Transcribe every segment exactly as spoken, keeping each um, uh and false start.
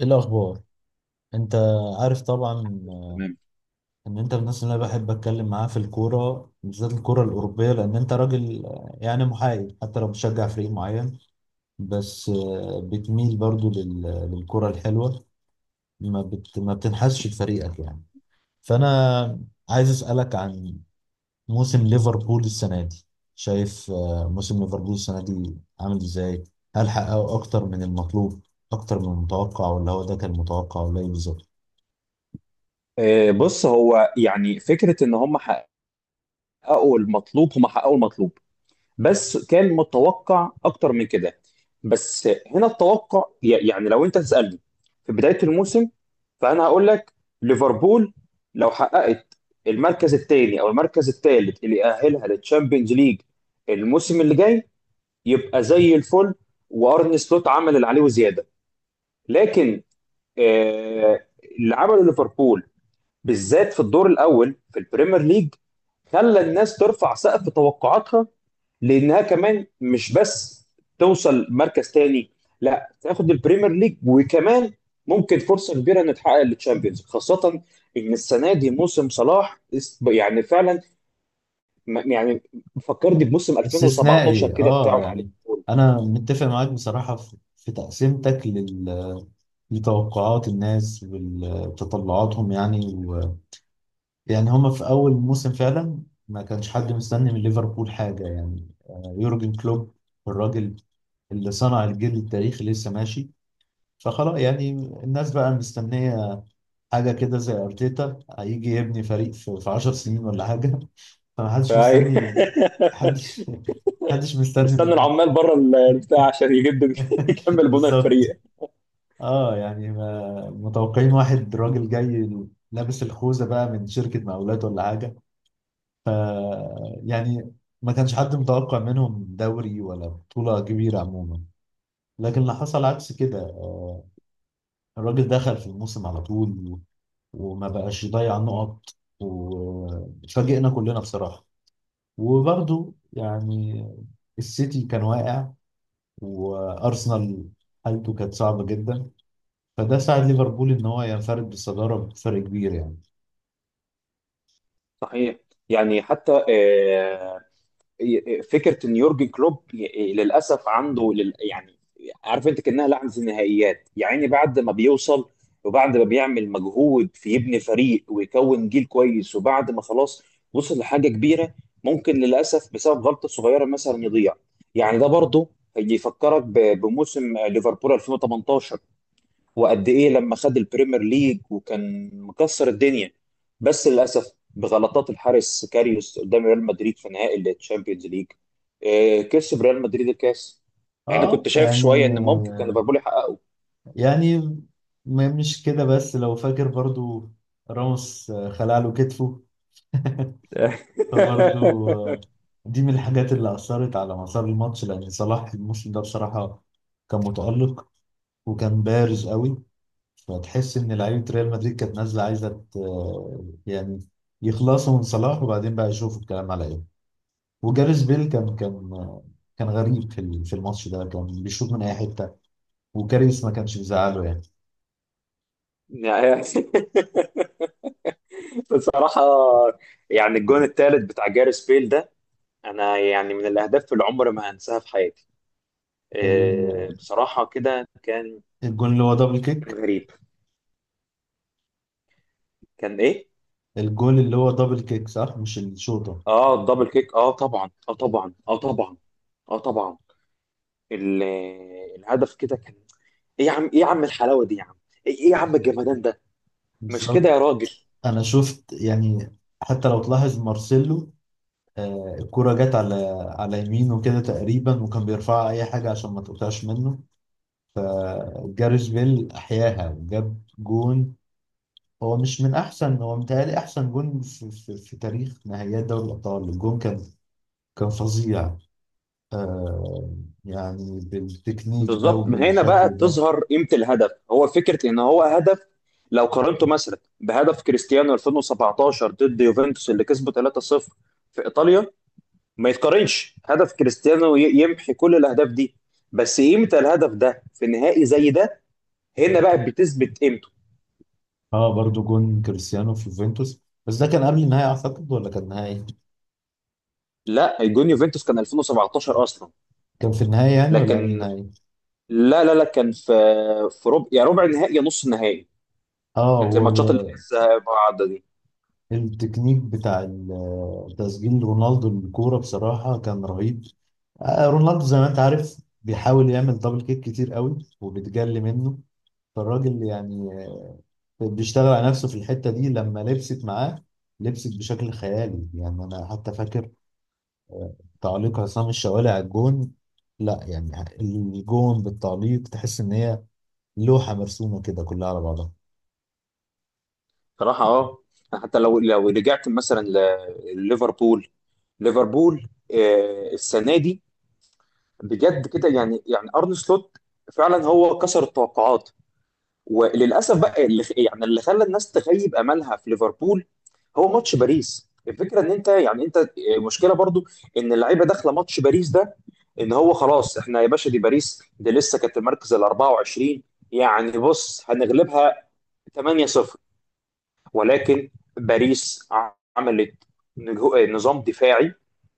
ايه الاخبار؟ انت عارف طبعا تمام. ان انت من الناس اللي انا بحب اتكلم معاها في الكوره، بالذات الكوره الاوروبيه، لان انت راجل، آه، يعني محايد حتى لو بتشجع فريق معين. بس آه، بتميل برضو لل- للكوره الحلوه. ما بت ما بتنحازش لفريقك يعني. فانا عايز اسالك عن موسم ليفربول السنه دي. شايف آه، موسم ليفربول السنه دي عامل ازاي؟ هل حققوا اكتر من المطلوب، اكتر من المتوقع، ولا هو ده كان متوقع، ولا ايه بالظبط؟ آه، بص، هو يعني فكرة ان هم حققوا المطلوب. هم حققوا المطلوب، بس كان متوقع اكتر من كده. بس هنا التوقع ي- يعني لو انت تسألني في بداية الموسم، فانا هقول لك ليفربول لو حققت المركز الثاني او المركز الثالث اللي يأهلها للتشامبيونز ليج الموسم اللي جاي، يبقى زي الفل. وارن سلوت عمل اللي عليه وزيادة. لكن آه، اللي عمله ليفربول بالذات في الدور الاول في البريمير ليج خلى الناس ترفع سقف توقعاتها، لانها كمان مش بس توصل مركز تاني، لا تاخد البريمير ليج وكمان ممكن فرصه كبيره ان تحقق التشامبيونز، خاصه ان السنه دي موسم صلاح است- يعني فعلا م- يعني فكرني بموسم ألفين وسبعتاشر استثنائي، كده اه، بتاعه مع. يعني انا متفق معاك بصراحة في في تقسيمتك لل لتوقعات الناس وتطلعاتهم يعني و... يعني هما في اول موسم فعلا ما كانش حد مستني من ليفربول حاجة. يعني آه، يورجن كلوب، الراجل اللي صنع الجيل التاريخي لسه ماشي، فخلاص يعني الناس بقى مستنية حاجة كده، زي ارتيتا هيجي يبني فريق في في 10 سنين ولا حاجة. فمحدش أيوة. مستني، محدش محدش مستني. مستني العمال بره ال- البتاع عشان يجدد يكمل بناء بالظبط. الفريق. اه، يعني ما متوقعين واحد راجل جاي لابس الخوذه بقى من شركه مقاولات ولا حاجه. ف يعني ما كانش حد متوقع منهم دوري ولا بطوله كبيره عموما. لكن اللي حصل عكس كده، الراجل دخل في الموسم على طول و- وما بقاش يضيع نقط، واتفاجئنا كلنا بصراحه. وبرضه يعني السيتي كان واقع، وارسنال حالته كانت صعبه جدا، فده ساعد ليفربول ان هو ينفرد بالصداره بفرق كبير يعني. صحيح. يعني حتى إيه، إيه، فكره ان يورجن كلوب ي- إيه، للاسف عنده لل... يعني عارف انت كانها لعنه النهائيات. يعني بعد ما بيوصل وبعد ما بيعمل مجهود في يبني فريق ويكون جيل كويس وبعد ما خلاص وصل لحاجه كبيره، ممكن للاسف بسبب غلطه صغيره مثلا يضيع. يعني ده برضه هيفكرك ب- بموسم ليفربول ألفين وتمنتاشر، وقد ايه لما خد البريمير ليج وكان مكسر الدنيا، بس للاسف بغلطات الحارس كاريوس قدام ريال مدريد في نهائي التشامبيونز ليج، آه، كسب ريال مدريد الكاس. يعني اه كنت شايف يعني شويه ان ممكن كان ليفربول يحققه. يعني ما مش كده، بس لو فاكر برضو راموس خلع له كتفه، فبرضو آه، دي من الحاجات اللي أثرت على مسار الماتش، لأن صلاح الموسم ده بصراحة كان متألق وكان بارز قوي. فتحس إن لعيبة ريال مدريد كانت نازلة عايزة ت- يعني يخلصوا من صلاح وبعدين بقى يشوفوا الكلام على إيه. وجاريث بيل كان كان كان غريب في ال- في الماتش ده، كان بيشوط من اي حته، وكاريس ما كانش بيزعله يعني. يعني بصراحه، يعني الجون الثالث بتاع جاريس بيل ده، انا يعني من الاهداف اللي عمري ما هنساها في حياتي. آه، ال- بصراحه كده كان. الجون اللي هو دبل كان كيك. غريب. كان ايه. الجون اللي هو دبل كيك، صح؟ مش الشوطه؟ اه، الدبل كيك. اه طبعا، اه طبعا، اه طبعا. اه طبعا. ال- الهدف كده كان ايه يا عم، ايه يا عم الحلاوه دي يا عم، ايه إيه يا عم الجمدان ده. مش كده بالظبط. يا راجل؟ انا شفت يعني، حتى لو تلاحظ مارسيلو، آه، الكرة جت على على يمينه كده تقريبا، وكان بيرفعها اي حاجه عشان ما تقطعش منه. جاريث بيل احياها وجاب جون. هو مش من احسن، هو متهيألي احسن جون في, في, في تاريخ نهائيات دوري الابطال. الجون كان كان فظيع آه يعني، بالتكنيك ده بالظبط. ما هنا بقى وبالشكل ده. تظهر قيمه الهدف. هو فكره ان هو هدف لو قارنته مثلا بهدف كريستيانو ألفين وسبعتاشر ضد يوفنتوس اللي كسبه ثلاثه صفر في ايطاليا، ما يتقارنش. هدف كريستيانو ي- يمحي كل الاهداف دي، بس قيمه الهدف ده في نهائي زي ده هنا بقى بتثبت قيمته. اه، برضو جون كريستيانو في يوفنتوس، بس ده كان قبل النهاية أعتقد ولا كان نهائي؟ لا، جون يوفنتوس كان ألفين وسبعتاشر اصلا. كان في النهاية يعني ولا قبل لكن النهاية؟ لا، لا، لا، كان في في ربع يا ربع نهائي يا نص نهائي. اه، كانت هو الماتشات اللي لسه بعد دي. التكنيك بتاع ال- تسجيل رونالدو الكورة بصراحة كان رهيب. آه، رونالدو زي ما أنت عارف بيحاول يعمل دبل كيك كتير قوي وبتجلي منه، فالراجل يعني آه، بيشتغل على نفسه في الحتة دي. لما لبست معاه لبست بشكل خيالي يعني. أنا حتى فاكر تعليق عصام الشوالي على الجون. لا يعني الجون بالتعليق تحس ان هي لوحة مرسومة كده كلها على بعضها. صراحه اه، حتى لو لو رجعت مثلا ل- لليفربول. ليفربول آه، السنه دي بجد كده، يعني يعني ارن سلوت فعلا هو كسر التوقعات. وللاسف بقى اللي يعني اللي خلى الناس تخيب املها في ليفربول هو ماتش باريس. الفكره ان انت يعني انت آه، مشكله برضو ان اللعيبه داخله ماتش باريس ده ان هو خلاص احنا يا باشا دي، باريس دي لسه كانت المركز ال أربعه وعشرين، يعني بص هنغلبها تمانيه صفر. ولكن باريس عملت نجو- آه، نظام دفاعي.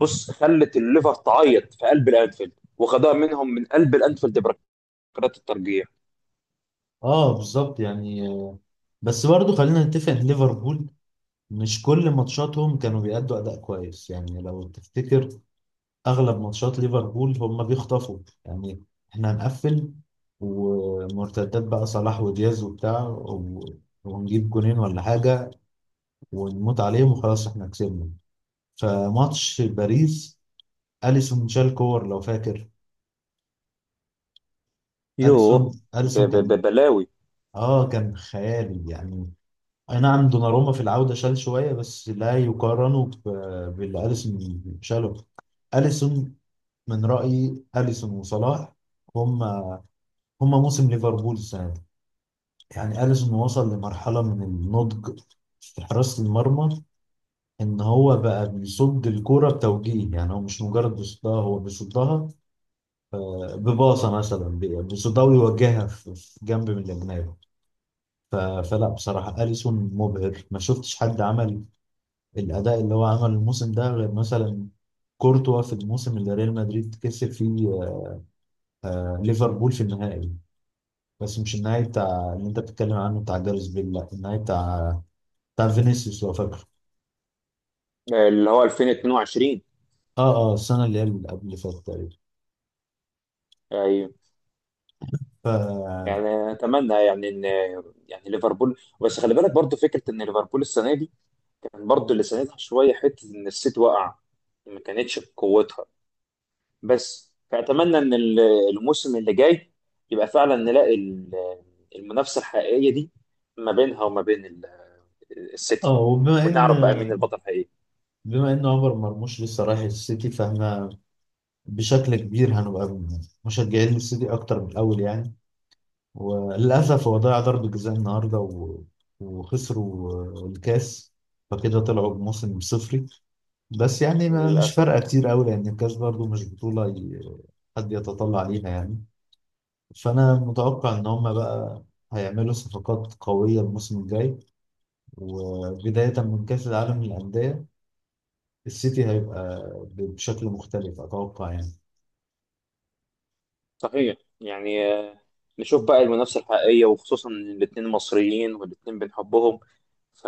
بص، خلت الليفر تعيط في قلب الانفيلد وخدها منهم من قلب الانفيلد بركلات الترجيح. اه، بالظبط يعني. بس برضو خلينا نتفق ان ليفربول مش كل ماتشاتهم كانوا بيأدوا أداء كويس، يعني لو تفتكر أغلب ماتشات ليفربول هم بيخطفوا. يعني احنا هنقفل، ومرتدات بقى صلاح ودياز وبتاع و- ونجيب جونين ولا حاجة، ونموت عليهم وخلاص احنا كسبنا. فماتش باريس، اليسون شالكور لو فاكر. اليسون يوه، ب- اليسون كان ب- بلاوي. اه كان خيالي يعني. اي نعم دوناروما في العودة شال شوية، بس لا يقارنوا ب- باللي اليسون شاله. اليسون، من رأيي اليسون وصلاح هم هم موسم ليفربول السنة دي. يعني اليسون وصل لمرحلة من النضج في حراسة المرمى، ان هو بقى بيصد الكرة بتوجيه. يعني هو مش مجرد بيصدها، هو بيصدها آه، بباصة مثلا، ب- بصداوي يوجهها في في جنب من الأجنبي. ف- فلا بصراحة أليسون مبهر، ما شفتش حد عمل الأداء اللي هو عمله الموسم ده، غير مثلا كورتوا في الموسم اللي ريال مدريد كسب فيه آه، ليفربول في النهائي. بس مش النهائي بتاع اللي انت بتتكلم عنه بتاع جاريث بيل، لا النهائي بتاع بتاع فينيسيوس لو فاكره. اللي هو ألفين واتنين وعشرين. اه، اه، السنة اللي هي اللي قبل اللي فاتت تقريبا. ايوه. ف يعني اتمنى يعني ان يعني ليفربول، بس خلي بالك برضو فكره ان ليفربول السنه دي كان برضو اللي ساندها شويه حته ان السيتي وقع، ما كانتش بقوتها. بس فاتمنى ان ال- الموسم اللي جاي يبقى فعلا نلاقي ال- المنافسه الحقيقيه دي ما بينها وما بين ال- السيتي، اه، وبما ان ونعرف بقى مين البطل الحقيقي. بما ان عمر مرموش لسه رايح السيتي، فاحنا بشكل كبير هنبقى مشجعين للسيتي اكتر من الاول يعني. وللاسف هو ضيع ضربة جزاء النهارده و... وخسروا الكاس، فكده طلعوا بموسم صفري. بس يعني ما مش للاسف. فارقه كتير قوي، لان الكاس برضو مش بطوله ي... حد يتطلع ليها يعني. فانا متوقع ان هم بقى هيعملوا صفقات قويه الموسم الجاي، وبدايه من كاس العالم للانديه السيتي هيبقى بشكل مختلف اتوقع يعني. صحيح. يعني آه، نشوف بقى المنافسة الحقيقية، وخصوصا إن الاتنين مصريين والاتنين بنحبهم، ف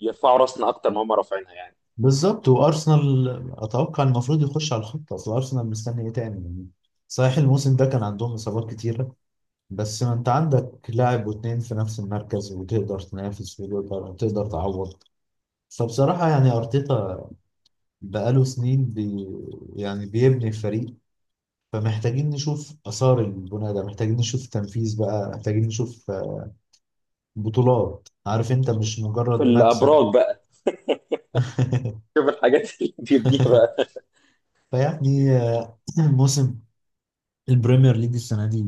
يرفعوا راسنا أكتر ما هم رافعينها يعني. بالظبط. وارسنال اتوقع المفروض يخش على الخط، اصل ارسنال مستني ايه تاني يعني؟ صحيح الموسم ده كان عندهم اصابات كتيره، بس ما انت عندك لاعب واتنين في نفس المركز، وتقدر تنافس، وتقدر تقدر تعوض. فبصراحه يعني ارتيتا بقاله سنين بي يعني بيبني الفريق، فمحتاجين نشوف اثار البناء ده، محتاجين نشوف تنفيذ بقى، محتاجين نشوف آه، بطولات. عارف انت مش مجرد شوف مكسب. الأبراج بقى، شوف الحاجات اللي بيبنيها بقى. فيعني آه، موسم البريمير ليج السنه دي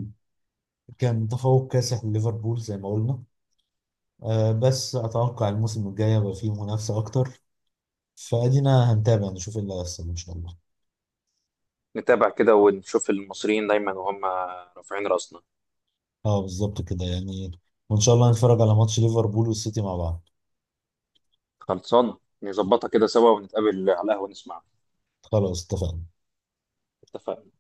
كان تفوق كاسح لليفربول زي ما قلنا، آه، بس أتوقع الموسم الجاي يبقى فيه منافسة أكتر، فأدينا هنتابع نشوف إيه اللي هيحصل إن شاء الله. نتابع كده ونشوف المصريين دايما وهم رافعين راسنا. أه، بالظبط كده يعني. وإن شاء الله نتفرج على ماتش ليفربول والسيتي مع بعض. خلصان. نظبطها كده سوا ونتقابل على القهوة نسمع. خلاص اتفقنا. اتفقنا.